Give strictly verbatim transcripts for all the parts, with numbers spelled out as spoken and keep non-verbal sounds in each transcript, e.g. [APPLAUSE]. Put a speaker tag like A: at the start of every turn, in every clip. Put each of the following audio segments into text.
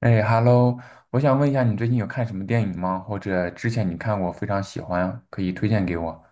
A: 哎，Hello，我想问一下，你最近有看什么电影吗？或者之前你看过非常喜欢，可以推荐给我？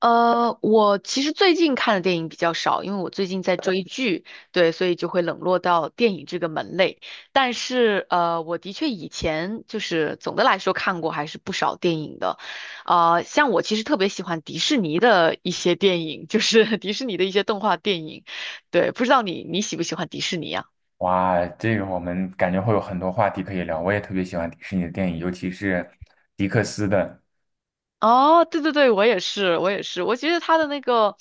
B: 呃，我其实最近看的电影比较少，因为我最近在追剧，对，所以就会冷落到电影这个门类。但是，呃，我的确以前就是总的来说看过还是不少电影的，呃，像我其实特别喜欢迪士尼的一些电影，就是 [LAUGHS] 迪士尼的一些动画电影，对，不知道你你喜不喜欢迪士尼啊？
A: 哇，这个我们感觉会有很多话题可以聊。我也特别喜欢迪士尼的电影，尤其是迪克斯的。
B: 哦，对对对，我也是，我也是，我觉得他的那个，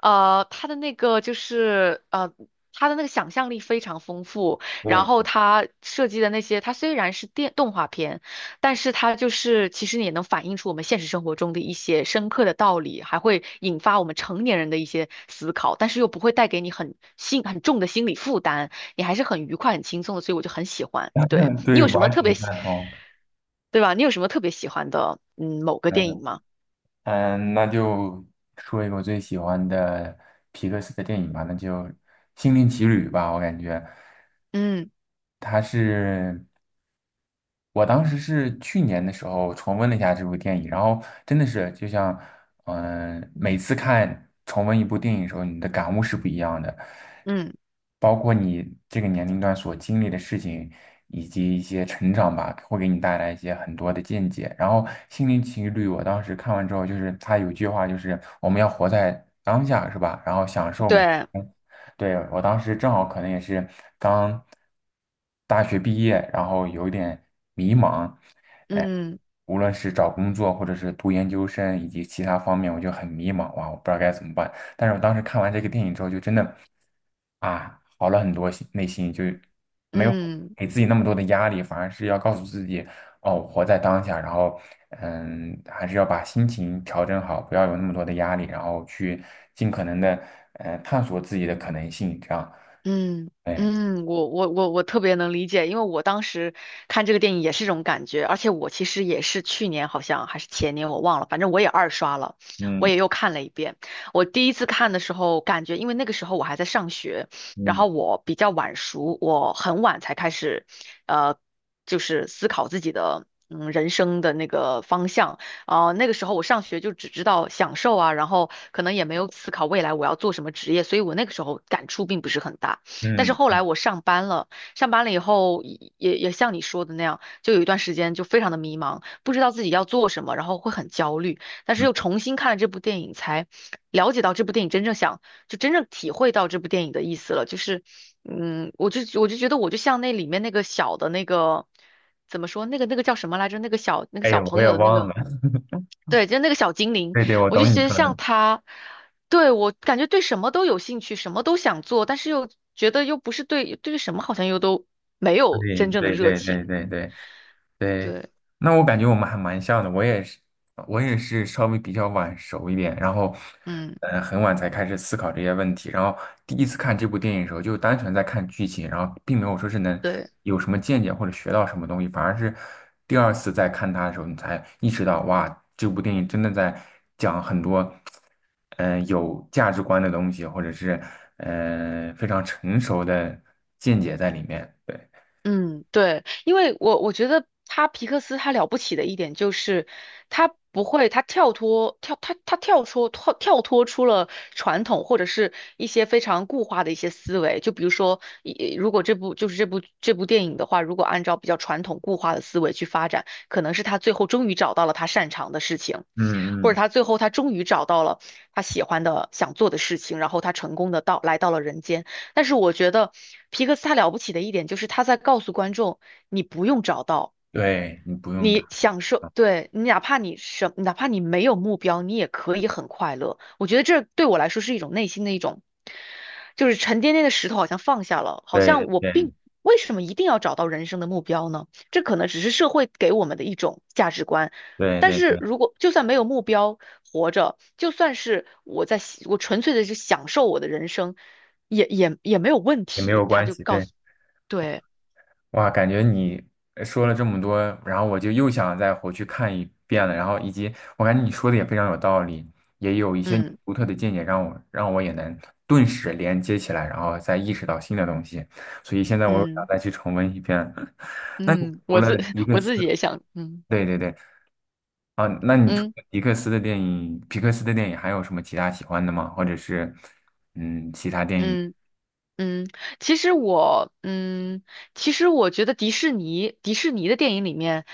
B: 呃，他的那个就是呃，他的那个想象力非常丰富，然
A: 对，
B: 后他设计的那些，他虽然是电动画片，但是他就是其实也能反映出我们现实生活中的一些深刻的道理，还会引发我们成年人的一些思考，但是又不会带给你很心很重的心理负担。你还是很愉快、很轻松的，所以我就很喜欢。对，
A: [LAUGHS]
B: 你
A: 对，
B: 有什么
A: 完
B: 特别
A: 全
B: 喜，
A: 赞同。
B: 对吧？你有什么特别喜欢的，嗯，某个电
A: 嗯
B: 影吗？
A: 嗯，那就说一个我最喜欢的皮克斯的电影吧，那就《心灵奇旅》吧，我感觉
B: 嗯
A: 它是。我当时是去年的时候重温了一下这部电影，然后真的是就像，嗯、每次看重温一部电影的时候，你的感悟是不一样的，
B: 嗯，
A: 包括你这个年龄段所经历的事情，以及一些成长吧，会给你带来一些很多的见解。然后《心灵奇旅》，我当时看完之后，就是他有句话，就是我们要活在当下，是吧？然后享受每。
B: 对，
A: 对，我当时正好可能也是刚大学毕业，然后有点迷茫，哎，
B: 嗯
A: 无论是找工作，或者是读研究生，以及其他方面，我就很迷茫哇，我不知道该怎么办。但是我当时看完这个电影之后，就真的啊，好了很多心，内心就没有
B: 嗯。
A: 给自己那么多的压力，反而是要告诉自己，哦，活在当下，然后嗯，还是要把心情调整好，不要有那么多的压力，然后去尽可能的呃探索自己的可能性，这样，
B: 嗯
A: 哎，
B: 嗯，我我我我特别能理解，因为我当时看这个电影也是这种感觉，而且我其实也是去年好像还是前年我忘了，反正我也二刷了，我也
A: 嗯
B: 又看了一遍。我第一次看的时候，感觉因为那个时候我还在上学，然
A: 嗯
B: 后我比较晚熟，我很晚才开始，呃，就是思考自己的嗯人生的那个方向。呃，那个时候我上学就只知道享受啊，然后可能也没有思考未来我要做什么职业，所以我那个时候感触并不是很大。但是
A: 嗯
B: 后
A: 嗯
B: 来我上班了，上班了以后也也也像你说的那样，就有一段时间就非常的迷茫，不知道自己要做什么，然后会很焦虑。但是
A: 嗯，
B: 又重新看了这部电影，才了解到这部电影真正想，就真正体会到这部电影的意思了。就是，嗯，我就我就觉得我就像那里面那个小的那个，怎么说，那个那个叫什么来着？那个小那个
A: 哎，
B: 小
A: 我
B: 朋
A: 也
B: 友的那
A: 忘
B: 个。
A: 了，[LAUGHS]
B: 对，就那个小精灵，
A: 对对，我
B: 我就
A: 懂你
B: 觉得
A: 说
B: 像
A: 的。
B: 他，对，我感觉对什么都有兴趣，什么都想做，但是又觉得又不是对对什么好像又都没有
A: 对
B: 真正的
A: 对
B: 热
A: 对对
B: 情。
A: 对对对，
B: 对，
A: 那我感觉我们还蛮像的，我也是，我也是稍微比较晚熟一点，然后，
B: 嗯，
A: 呃，很晚才开始思考这些问题，然后第一次看这部电影的时候，就单纯在看剧情，然后并没有说是能
B: 对。
A: 有什么见解或者学到什么东西，反而是第二次再看它的时候，你才意识到，哇，这部电影真的在讲很多，嗯、有价值观的东西，或者是，呃，非常成熟的见解在里面，对。
B: 嗯，对，因为我我觉得他皮克斯他了不起的一点就是他不会，他跳脱跳他他跳出跳跳脱出了传统或者是一些非常固化的一些思维，就比如说，一如果这部就是这部这部电影的话，如果按照比较传统固化的思维去发展，可能是他最后终于找到了他擅长的事情。
A: 嗯
B: 或者
A: 嗯，
B: 他最后他终于找到了他喜欢的、想做的事情，然后他成功的到来到了人间。但是我觉得皮克斯他了不起的一点就是他在告诉观众，你不用找到。
A: 对你不用炸，
B: 你享受，对，你哪怕你什，哪怕你没有目标，你也可以很快乐。我觉得这对我来说是一种内心的一种，就是沉甸甸的石头好像放下了，好
A: 对
B: 像我
A: 对
B: 并，
A: 对
B: 为什么一定要找到人生的目标呢？这可能只是社会给我们的一种价值观。
A: 对
B: 但
A: 对
B: 是
A: 对，
B: 如果就算没有目标活着，就算是我在喜我纯粹的是享受我的人生，也也也没有问
A: 也没有
B: 题。他
A: 关
B: 就
A: 系。
B: 告
A: 对，
B: 诉，对，
A: 哇，感觉你呃说了这么多，然后我就又想再回去看一遍了。然后以及我感觉你说的也非常有道理，也有一些你
B: 嗯
A: 独特的见解，让我让我也能顿时连接起来，然后再意识到新的东西。所以现在我又想
B: 嗯。
A: 再去重温一遍。[LAUGHS] 那你
B: 嗯，
A: 除
B: 我
A: 了
B: 自
A: 一
B: [LAUGHS]
A: 个
B: 我
A: 词，
B: 自己也想，嗯
A: 对对对，啊，那你除
B: 嗯
A: 了皮克斯的电影，皮克斯的电影还有什么其他喜欢的吗？或者是，嗯，其他电影
B: 嗯嗯，其实我，嗯，其实我觉得迪士尼迪士尼的电影里面，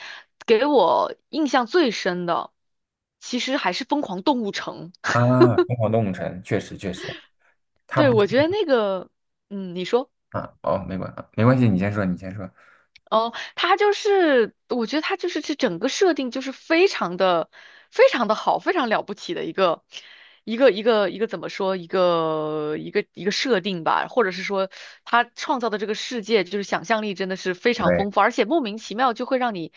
B: 给我印象最深的，其实还是《疯狂动物城》。
A: 啊，《疯狂动物城》确实确实，他
B: 对，
A: 不
B: 我觉得那个，嗯，你说。
A: 啊，哦，没关没关系，你先说，你先说。
B: 哦，他就是，我觉得他就是这整个设定就是非常的、非常的好，非常了不起的一个、一个、一个、一个怎么说？一个、一个、一个设定吧，或者是说他创造的这个世界，就是想象力真的是非常
A: 对
B: 丰富，而且莫名其妙就会让你，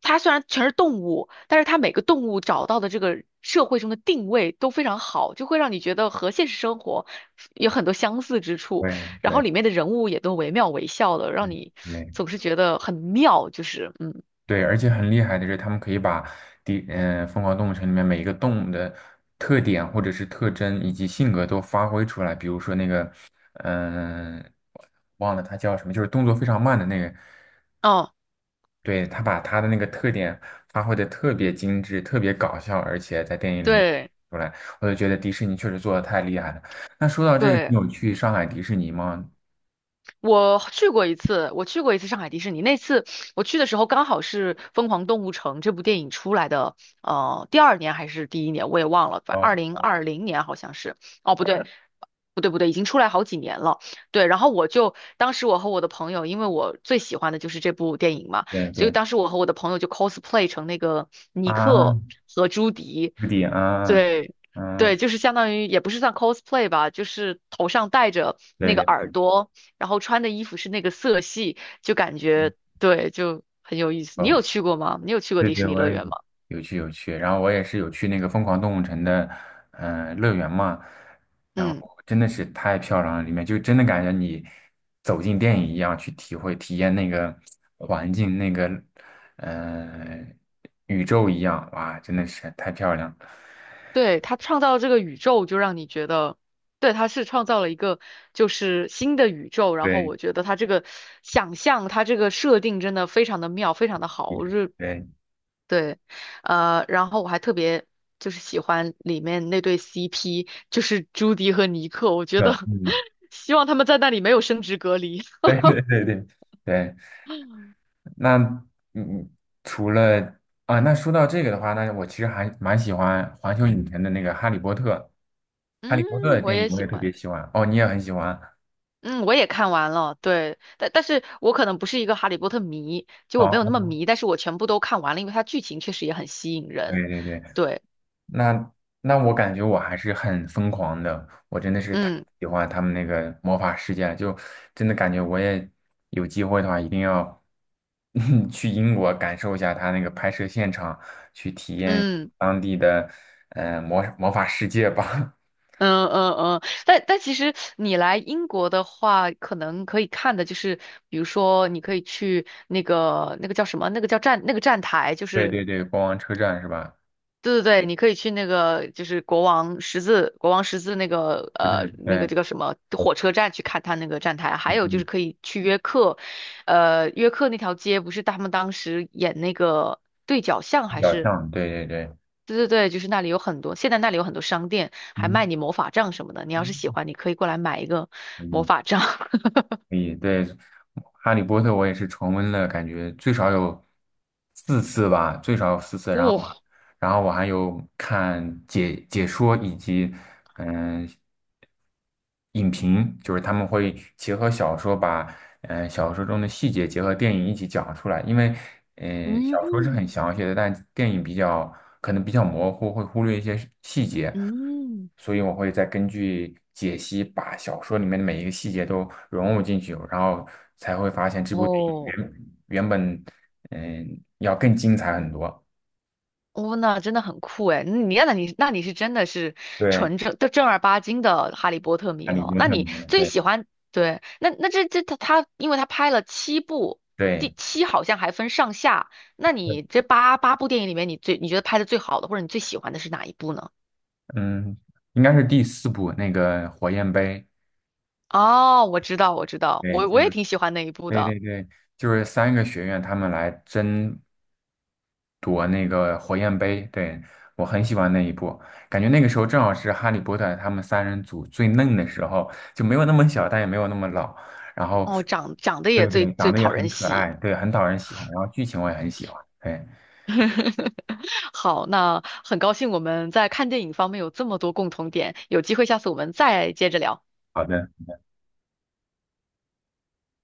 B: 它虽然全是动物，但是它每个动物找到的这个社会中的定位都非常好，就会让你觉得和现实生活有很多相似之处。
A: 对
B: 然后
A: 对
B: 里面的人物也都惟妙惟肖的，让你
A: 对
B: 总是觉得很妙，就是嗯，
A: 对，而且很厉害的是，他们可以把第嗯、呃《疯狂动物城》里面每一个动物的特点或者是特征以及性格都发挥出来。比如说那个，嗯、忘了它叫什么，就是动作非常慢的那个。
B: 哦，
A: 对，他把他的那个特点发挥的特别精致，特别搞笑，而且在电影里面
B: 对
A: 出来，我就觉得迪士尼确实做的太厉害了。那说到这个，你
B: 对。
A: 有去上海迪士尼吗？
B: 我去过一次，我去过一次上海迪士尼。那次我去的时候，刚好是《疯狂动物城》这部电影出来的，呃，第二年还是第一年，我也忘了，反正
A: 哦，
B: 二零二零年好像是。哦，不对，嗯不对，不对，已经出来好几年了。对，然后我就当时我和我的朋友，因为我最喜欢的就是这部电影嘛，
A: 对
B: 所以
A: 对，
B: 当时我和我的朋友就 cosplay 成那个尼
A: 啊，
B: 克和朱迪。
A: 朱迪啊，
B: 对。
A: 嗯，
B: 对，就是相当于也不是算 cosplay 吧，就是头上戴着
A: 对
B: 那个耳
A: 对，
B: 朵，然后穿的衣服是那个色系，就感
A: 嗯。
B: 觉对，就很有意思。你有
A: 哦
B: 去过吗？你有去过
A: 对
B: 迪
A: 对，
B: 士尼
A: 我
B: 乐
A: 也
B: 园吗？
A: 有去有去，然后我也是有去那个疯狂动物城的，嗯、乐园嘛，然后
B: 嗯，
A: 真的是太漂亮了，里面就真的感觉你走进电影一样去体会体验那个环境，那个呃宇宙一样，哇，真的是太漂亮了。
B: 对，他创造这个宇宙，就让你觉得，对，他是创造了一个就是新的宇宙。然后
A: 对，
B: 我觉得他这个想象，他这个设定真的非常的妙，非常的好。
A: 对，
B: 我是
A: 对，
B: 对，呃，然后我还特别。就是喜欢里面那对 C P,就是朱迪和尼克，我觉得
A: 嗯，
B: [LAUGHS] 希望他们在那里没有生殖隔离。
A: 对 [LAUGHS] 对对对对，那嗯，除了啊，那说到这个的话，那我其实还蛮喜欢环球影城的那个《哈利波特》。
B: [LAUGHS]
A: 哈利波特的
B: 嗯，我
A: 电影
B: 也
A: 我
B: 喜
A: 也特
B: 欢。
A: 别喜欢哦，你也很喜欢
B: 嗯，我也看完了，对，但但是我可能不是一个哈利波特迷，就我没有那么
A: 哦，
B: 迷，但是我全部都看完了，因为它剧情确实也很吸引人，
A: 对对对，
B: 对，
A: 那那我感觉我还是很疯狂的，我真的是太
B: 嗯
A: 喜欢他们那个魔法世界了，就真的感觉我也有机会的话，一定要 [LAUGHS] 去英国感受一下他那个拍摄现场，
B: 嗯
A: 当地的呃魔魔法世界吧。
B: 嗯嗯嗯，但但其实你来英国的话，可能可以看的就是，比如说你可以去那个那个叫什么，那个叫站那个站台，就
A: [LAUGHS] 对
B: 是
A: 对对，国王车站是吧？
B: 对对对，你可以去那个就是国王十字国王十字那个
A: 车站
B: 呃那个
A: 对，
B: 这个什么火车站去看他那个站台，还
A: 嗯，
B: 有就是
A: 嗯
B: 可以去约克，呃约克那条街不是他们当时演那个对角巷
A: 比
B: 还
A: 较
B: 是
A: 像，对对对，
B: 对对对，就是那里有很多，现在那里有很多商店还
A: 嗯。
B: 卖你魔法杖什么的，你要是喜欢，你可以过来买一个魔
A: 嗯
B: 法杖。[LAUGHS]
A: 可以，对，《哈利波特》我也是重温了，感觉最少有四次吧，最少有四次。然后我
B: 哇，
A: 然后我还有看解解说以及嗯、影评，就是他们会结合小说把，嗯、小说中的细节结合电影一起讲出来。因为，嗯小说是
B: 嗯
A: 很详细的，但电影比较可能比较模糊，会忽略一些细节，
B: 嗯
A: 所以我会再根据解析，把小说里面的每一个细节都融入进去，然后才会发现这部电影
B: 哦，
A: 原原本，嗯、要更精彩很多。
B: 哦，那真的很酷哎！嗯你那你那你是真的是
A: 对，
B: 纯正的正儿八经的哈利波特
A: 哈
B: 迷
A: 利
B: 了。
A: 波
B: 那
A: 特里
B: 你
A: 面的，
B: 最
A: 对
B: 喜欢对？那那这这他他，因为他拍了七部，
A: 对。
B: 第七好像还分上下。那
A: 对
B: 你这八八部电影里面，你最你觉得拍的最好的，或者你最喜欢的是哪一部呢？
A: 嗯，应该是第四部那个火焰杯，
B: 哦，我知道，我知道，
A: 对，
B: 我
A: 就
B: 我也
A: 是
B: 挺喜欢那一部
A: 对
B: 的。
A: 对对，就是三个学院他们来争夺那个火焰杯，对，我很喜欢那一部，感觉那个时候正好是哈利波特他们三人组最嫩的时候，就没有那么小，但也没有那么老，然后
B: 哦，长长得
A: 对
B: 也最
A: 对，长
B: 最
A: 得也
B: 讨
A: 很
B: 人
A: 可
B: 喜。
A: 爱，对，很讨人喜欢，然后剧情我也很喜欢，对，
B: [LAUGHS] 好，那很高兴我们在看电影方面有这么多共同点，有机会下次我们再接着聊。
A: 好的。